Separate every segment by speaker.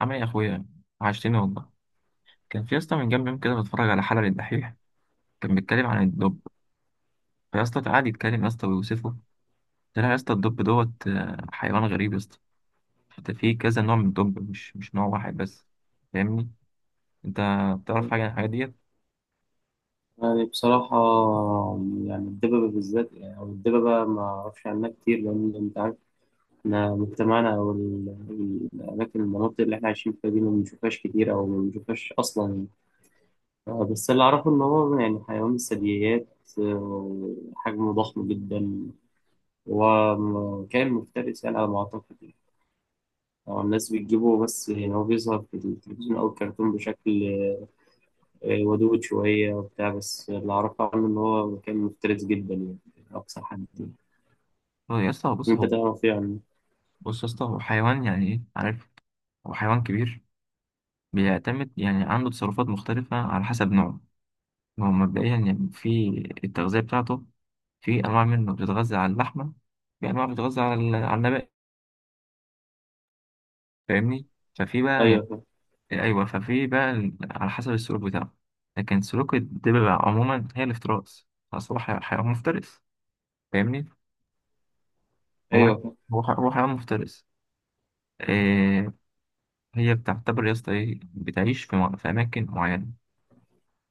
Speaker 1: عامل ايه يا اخويا؟ عشتني والله. كان في يا اسطى من كام يوم كده بتفرج على حلقه للدحيح. كان بيتكلم عن الدب. فيا اسطى قعد يتكلم يا اسطى ويوصفه. طلع يا اسطى الدب دوت حيوان غريب يا اسطى. حتى في كذا نوع من الدب، مش نوع واحد بس. فاهمني؟ انت بتعرف حاجه عن الحاجات ديت؟
Speaker 2: يعني بصراحة يعني الدببة بالذات يعني أو الدببة ما أعرفش عنها كتير لأن أنت عارف إحنا مجتمعنا أو الأماكن اللي إحنا عايشين فيها دي ما بنشوفهاش كتير أو ما بنشوفهاش أصلا يعني. بس اللي أعرفه إن هو يعني حيوان من الثدييات. حجمه ضخم جدا وكائن مفترس يعني على ما أعتقد يعني. الناس بتجيبه بس يعني هو بيظهر في التلفزيون أو الكرتون بشكل ودود شوية وبتاع، بس اللي أعرفه عنه إن هو مكان مفترس جدا يعني أقصى حد يعني.
Speaker 1: هو يا اسطى بص،
Speaker 2: أنت
Speaker 1: هو
Speaker 2: تعرف إيه عنه؟
Speaker 1: بص يا اسطى، هو حيوان، يعني ايه عارف؟ هو حيوان كبير. بيعتمد، يعني عنده تصرفات مختلفه على حسب نوعه. هو مبدئيا يعني في التغذيه بتاعته، في انواع منه بتتغذى على اللحمه، في انواع بتتغذى على على النبات. فاهمني؟ ففي بقى
Speaker 2: أيوه،
Speaker 1: يعني
Speaker 2: فاهم.
Speaker 1: ايوه، ففي بقى على حسب السلوك بتاعه. لكن سلوك الدببة عموما هي الافتراس، اصل هو حيوان مفترس. فاهمني؟ هو ح-
Speaker 2: أيوه، فاهم.
Speaker 1: هو حيوان مفترس. إيه، هي بتعتبر يا اسطى ايه، بتعيش في اماكن معينه.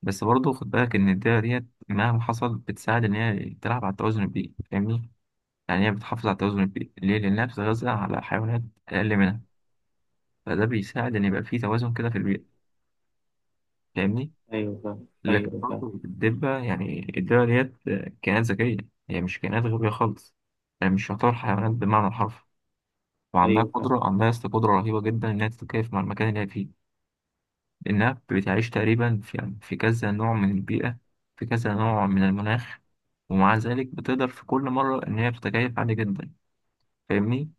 Speaker 1: بس برضه خد بالك ان الدببة ديت مهما حصل بتساعد ان هي تلعب على التوازن البيئي. فاهمني؟ يعني هي بتحافظ على التوازن البيئي ليه؟ لانها بتتغذى على حيوانات اقل منها، فده بيساعد ان يبقى في توازن كده في البيئه. فاهمني؟
Speaker 2: أيوه، فاهم.
Speaker 1: لكن
Speaker 2: أيوه، فاهم.
Speaker 1: برضه الدبة، يعني الدبة ديت كائنات ذكية، هي مش كائنات غبية خالص. يعني مش تعتبر حيوانات بمعنى الحرف. وعندها
Speaker 2: أيوه، فاهم.
Speaker 1: قدرة، عندها قدرة رهيبة جدا إنها تتكيف مع المكان اللي هي فيه. لأنها بتعيش تقريبا في، يعني في كذا نوع من البيئة، في كذا نوع من المناخ، ومع ذلك بتقدر في كل مرة إن هي بتتكيف عادي جدا. فاهمني؟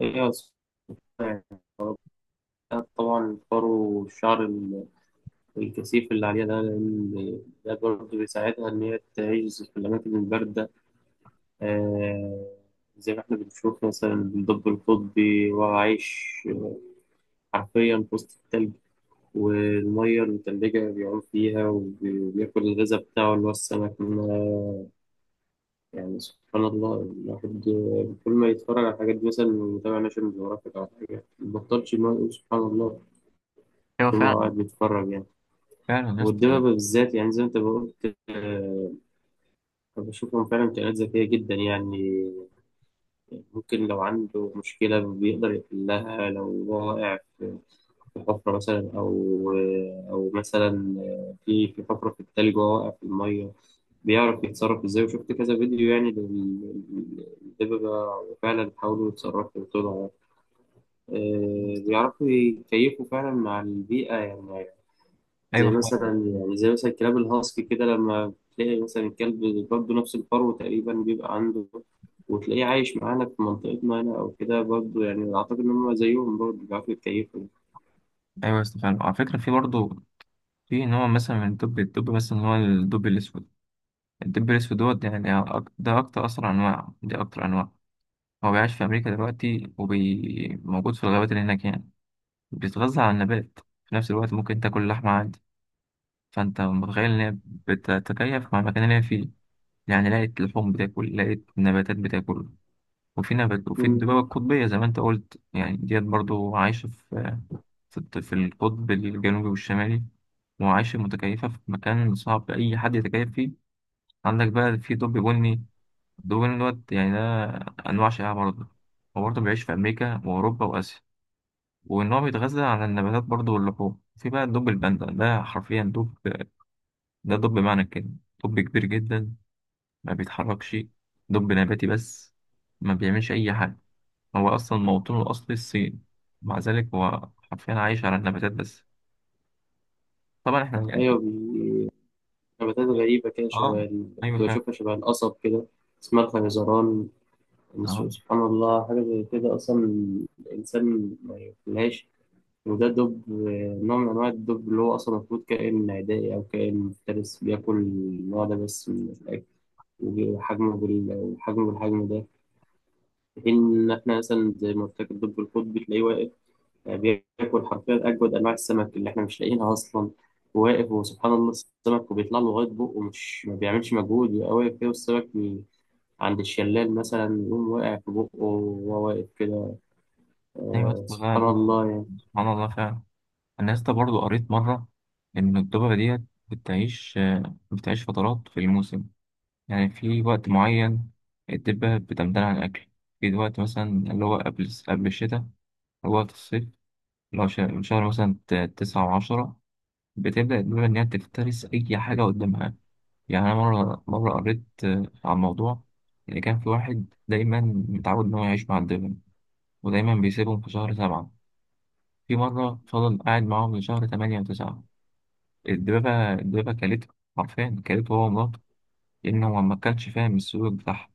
Speaker 2: أيوه، فاهم. طبعا الفرو والشعر الكثيف اللي عليها ده، لأن ده برضه بيساعدها إن هي تعيش في الأماكن الباردة. آه زي ما إحنا بنشوف مثلا الدب القطبي، وعايش حرفيا في وسط التلج والمية المتلجة، بيعوم فيها وبياكل الغذاء بتاعه اللي هو السمك منها. يعني سبحان الله، الواحد كل ما يتفرج على الحاجات دي مثلا ويتابع ناشونال جيوغرافيك أو حاجة مبطلش إن هو يقول سبحان الله
Speaker 1: أيوة
Speaker 2: طول ما هو
Speaker 1: فعلا.
Speaker 2: قاعد بيتفرج يعني.
Speaker 1: فعلا يا اسطى.
Speaker 2: والدببة بالذات، يعني زي ما أنت قلت، بشوفهم فعلا كائنات ذكية جدا يعني. ممكن لو عنده مشكلة بيقدر يحلها، لو هو واقع في في حفرة مثلا أو أو مثلا في في حفرة في التلج وهو واقع في المية، بيعرف يتصرف إزاي. وشفت كذا فيديو يعني للدببة فعلا بيحاولوا يتصرفوا وطلعوا. بيعرفوا يكيفوا فعلا مع البيئة يعني. زي
Speaker 1: أيوة فعلا.
Speaker 2: مثلا، يعني زي مثلا الكلاب الهاسكي كده، لما تلاقي مثلا الكلب برضه نفس الفرو تقريبا بيبقى عنده، وتلاقيه عايش معانا في منطقتنا هنا أو كده برضه، يعني أعتقد إن هم زيهم برضه بيعرفوا يتكيفوا.
Speaker 1: أيوة يا اسطى فعلا. وعلى فكرة في برضه في نوع مثلا من الدب. الدب مثلا هو الدب الأسود. الدب الأسود يعني ده أكتر أصلا أنواع، دي أكتر أنواع. هو بيعيش في أمريكا دلوقتي وموجود في الغابات اللي هناك يعني. بيتغذى على النبات، في نفس الوقت ممكن تاكل لحمة عادي. فأنت متخيل إن هي بتتكيف مع المكان اللي هي فيه؟ يعني لقيت لحوم بتاكل، لقيت نباتات بتاكل. وفي نبات. وفي
Speaker 2: مم.
Speaker 1: الدبابة القطبية زي ما أنت قلت، يعني ديت برضو عايشة في في القطب الجنوبي والشمالي، وعايشة متكيفة في مكان صعب أي حد يتكيف فيه. عندك بقى في دب بني، دول إن هو يعني ده أنواع شائعة برضه. هو برضه بيعيش في أمريكا وأوروبا وآسيا، وإن هو بيتغذى على النباتات برضه واللحوم. في بقى الدب الباندا، ده حرفيا دب، ده دب بمعنى الكلمة. دب كبير جدا، ما بيتحركش. دب نباتي بس، ما بيعملش أي حاجة. هو أصلا موطنه الأصلي الصين، مع ذلك هو حرفيا عايش على النباتات بس. طبعا إحنا
Speaker 2: أيوة،
Speaker 1: يعني
Speaker 2: نباتات غريبة كده، شبه
Speaker 1: آه أيوة
Speaker 2: كنت
Speaker 1: فعلا.
Speaker 2: بشوفها شبه القصب كده، اسمها الخيزران. بس
Speaker 1: آه
Speaker 2: سبحان الله، حاجة زي كده أصلا الإنسان ما ياكلهاش، وده دب، نوع من أنواع الدب اللي هو أصلا المفروض كائن عدائي أو كائن مفترس، بياكل النوع ده بس من الأكل. وحجمه والحجم بالحجم ده، في حين إن إحنا مثلا زي ما قلت لك الدب القطبي تلاقيه واقف. بياكل حرفيا أجود أنواع السمك اللي إحنا مش لاقيينها أصلا، وواقف، وسبحان الله، السمك وبيطلع له لغاية بقه، ومش ما بيعملش مجهود، يبقى واقف كده والسمك عند الشلال مثلا يقوم واقع في بقه وهو واقف كده.
Speaker 1: أيوة.
Speaker 2: آه،
Speaker 1: أصل
Speaker 2: سبحان الله يعني.
Speaker 1: ده سبحان الله فعلا. انا لسه برضو قريت مره ان الدببه ديت بتعيش، بتعيش فترات في الموسم. يعني في وقت معين الدبه بتمتنع عن الاكل، في وقت مثلا اللي هو قبل الشتاء، اللي هو وقت الصيف، اللي هو من شهر مثلا 9 و10 بتبدأ الدببة إن هي تفترس أي حاجة قدامها. يعني أنا مرة قريت عن موضوع، إن كان في واحد دايما متعود إن هو يعيش مع الدببة، ودايما بيسيبهم في شهر 7. في مرة فضل قاعد معاهم لشهر 8 و9، الدبابة كلته، حرفيا كلته هو ومراته، لأن هو ما كانش فاهم السلوك بتاعها.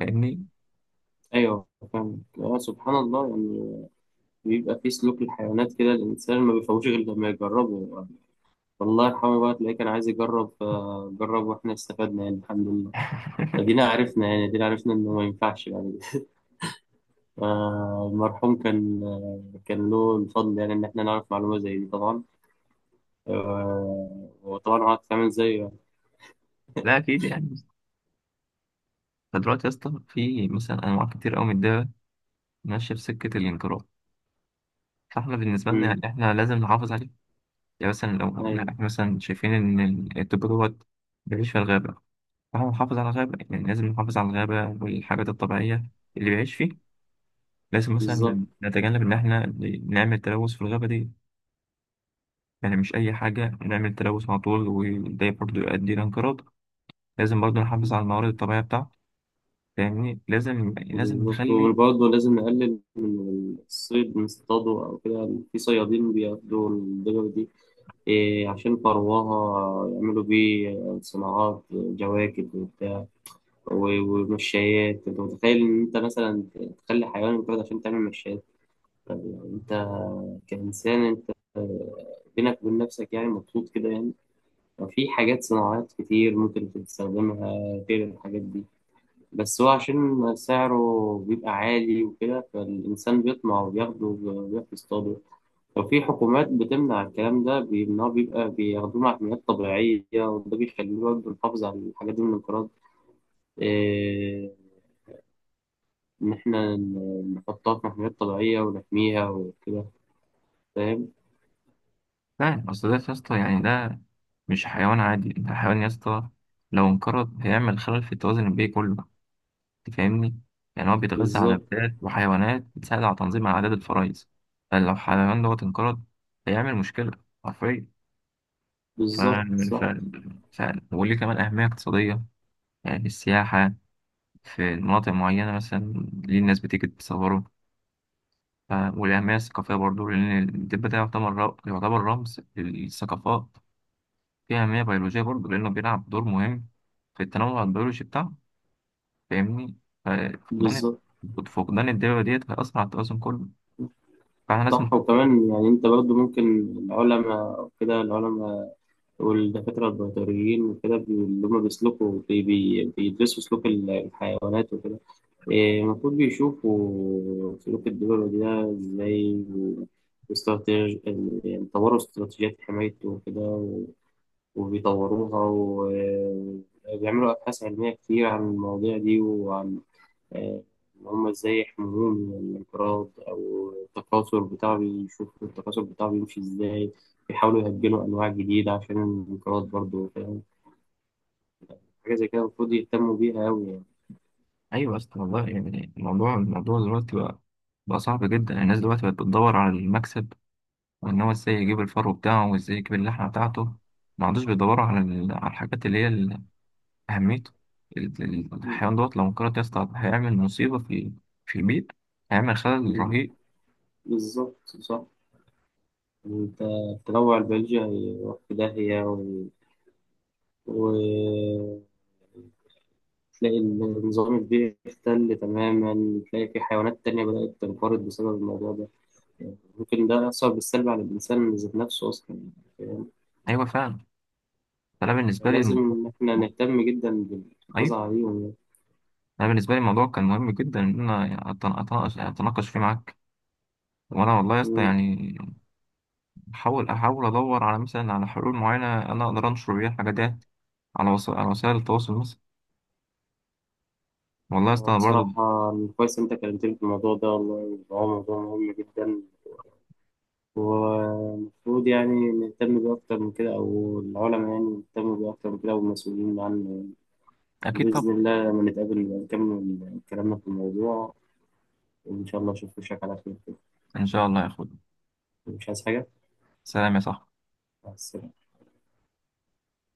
Speaker 1: فاهمني؟
Speaker 2: أيوه، فاهم. آه، سبحان الله يعني. بيبقى في سلوك الحيوانات كده، الإنسان ما بيفهموش غير لما يجربه، والله الحمد بقى تلاقيه كان عايز يجرب فجرب، واحنا استفدنا يعني الحمد لله. ادينا عرفنا يعني، ادينا عرفنا انه ما ينفعش يعني. المرحوم كان، كان له الفضل يعني ان احنا نعرف معلومة زي دي. طبعا، وطبعا هو هتتعمل زيه يعني.
Speaker 1: لا أكيد يعني. فدلوقتي يا اسطى في مثلا أنواع كتير أوي من الدببة ماشية في سكة الانقراض. فاحنا بالنسبة لنا
Speaker 2: أمم،
Speaker 1: يعني احنا لازم نحافظ عليه. يعني مثلا لو لا،
Speaker 2: ايوه،
Speaker 1: احنا مثلا شايفين إن الدب دوت بيعيش في الغابة، فاحنا نحافظ على الغابة. يعني لازم نحافظ على الغابة والحاجات الطبيعية اللي بيعيش فيه. لازم مثلا
Speaker 2: بالظبط.
Speaker 1: نتجنب إن احنا نعمل تلوث في الغابة دي. يعني مش أي حاجة نعمل تلوث على طول، وده برضه يؤدي لانقراض. لازم برضه نحافظ على الموارد الطبيعية بتاعته. فاهمني؟ لازم
Speaker 2: بالظبط،
Speaker 1: نخلي.
Speaker 2: وبرضه لازم نقلل من الصيد، نصطاده او كده. في صيادين بياخدوا الدجاجة دي، إيه، عشان فرواها يعملوا بيه صناعات جواكت ومشايات. انت متخيل ان انت مثلا تخلي حيوان يتولد عشان تعمل مشايات؟ طب يعني انت كإنسان انت، بينك وبين نفسك يعني مبسوط كده يعني؟ في حاجات صناعات كتير ممكن تستخدمها غير الحاجات دي، بس هو عشان سعره بيبقى عالي وكده، فالإنسان بيطمع وبياخده وبيروح يصطاده. وفي حكومات بتمنع الكلام ده، بيمنعه بيبقى بياخدوه مع حملات طبيعية، وده بيخليه برضه يحافظ على الحاجات دي من الانقراض. آه، إن إحنا نحطها في محميات طبيعية ونحميها وكده. فاهم؟
Speaker 1: فعلا أصل ده يا اسطى يعني، ده مش حيوان عادي، ده حيوان يا اسطى لو انقرض هيعمل خلل في التوازن البيئي كله. أنت فاهمني؟ يعني هو بيتغذى على
Speaker 2: بالظبط.
Speaker 1: نباتات وحيوانات بتساعد على تنظيم عدد الفرائس. فلو الحيوان دوت انقرض هيعمل مشكلة، حرفيا. ف...
Speaker 2: بالظبط،
Speaker 1: ف...
Speaker 2: صح.
Speaker 1: ف... وليه كمان أهمية اقتصادية. يعني السياحة في مناطق معينة مثلا، ليه الناس بتيجي تصوره. والأهمية الثقافية برضو، لأن الدب ده يعتبر يعتبر رمز للثقافات. فيه أهمية بيولوجية برضو لأنه بيلعب دور مهم في التنوع البيولوجي بتاعه. فاهمني؟ ففقدان
Speaker 2: بالظبط،
Speaker 1: فقدان الدببة ديت هيأثر على التوازن كله. فاحنا
Speaker 2: صح.
Speaker 1: لازم.
Speaker 2: وكمان يعني أنت برضه ممكن العلماء أو كده العلماء والدكاترة البيطريين وكده، اللي هما بيسلكوا بي بي بيدرسوا سلوك الحيوانات وكده. إيه، المفروض بيشوفوا سلوك الدببة ده إزاي، واستراتيج يعني طوروا استراتيجيات حمايته وكده، وبيطوروها وبيعملوا أبحاث علمية كتير عن المواضيع دي، وعن آه، إن هما إزاي يحموهم من الانقراض أو التكاثر بتاعه. بيشوفوا التكاثر بتاعه بيمشي إزاي، بيحاولوا يهجنوا أنواع جديدة عشان الانقراض برضه، فاهم؟ حاجة زي كده المفروض يهتموا بيها أوي يعني.
Speaker 1: أيوة أصلا والله يعني، الموضوع دلوقتي بقى صعب جدا. الناس دلوقتي بقت بتدور على المكسب، وإن هو إزاي يجيب الفرو بتاعه وإزاي يجيب اللحمة بتاعته. ما عادوش بيدوروا على على الحاجات اللي هي أهميته. الحيوان دوت لو انقرض يا اسطى هيعمل مصيبة في في البيت، هيعمل خلل رهيب.
Speaker 2: بالظبط، صح. انت، التنوع البيولوجي هيروح في داهية و... تلاقي النظام البيئي اختل تماما، تلاقي في حيوانات تانية بدأت تنقرض بسبب الموضوع ده. يعني ممكن ده يأثر بالسلب على الإنسان ذات نفسه أصلا، يعني
Speaker 1: أيوة فعلا. فأنا بالنسبة لي
Speaker 2: لازم إن إحنا نهتم جدا بالحفاظ
Speaker 1: أيوة
Speaker 2: عليهم يعني.
Speaker 1: أنا بالنسبة لي الموضوع كان مهم جدا إن أنا أتناقش فيه معاك. وأنا والله يا اسطى
Speaker 2: مم.
Speaker 1: يعني أحاول أدور على مثلا على حلول معينة أنا أقدر أنشر بيها الحاجات ديت على وسائل، على وسائل التواصل مثلا. والله يا اسطى أنا برضه
Speaker 2: بصراحة كويس إن أنت كلمتني في الموضوع ده، والله هو موضوع مهم جدا، والمفروض يعني نهتم بيه أكتر من كده، أو العلماء يعني يهتموا بيه أكتر من كده، والمسؤولين عنه.
Speaker 1: أكيد، طب
Speaker 2: وبإذن الله لما نتقابل نبقى نكمل كلامنا في الموضوع. إن شاء الله أشوف وشك على خير كده.
Speaker 1: إن شاء الله يا أخويا.
Speaker 2: مش عايز حاجة؟
Speaker 1: سلام يا صاحبي.
Speaker 2: مع السلامة.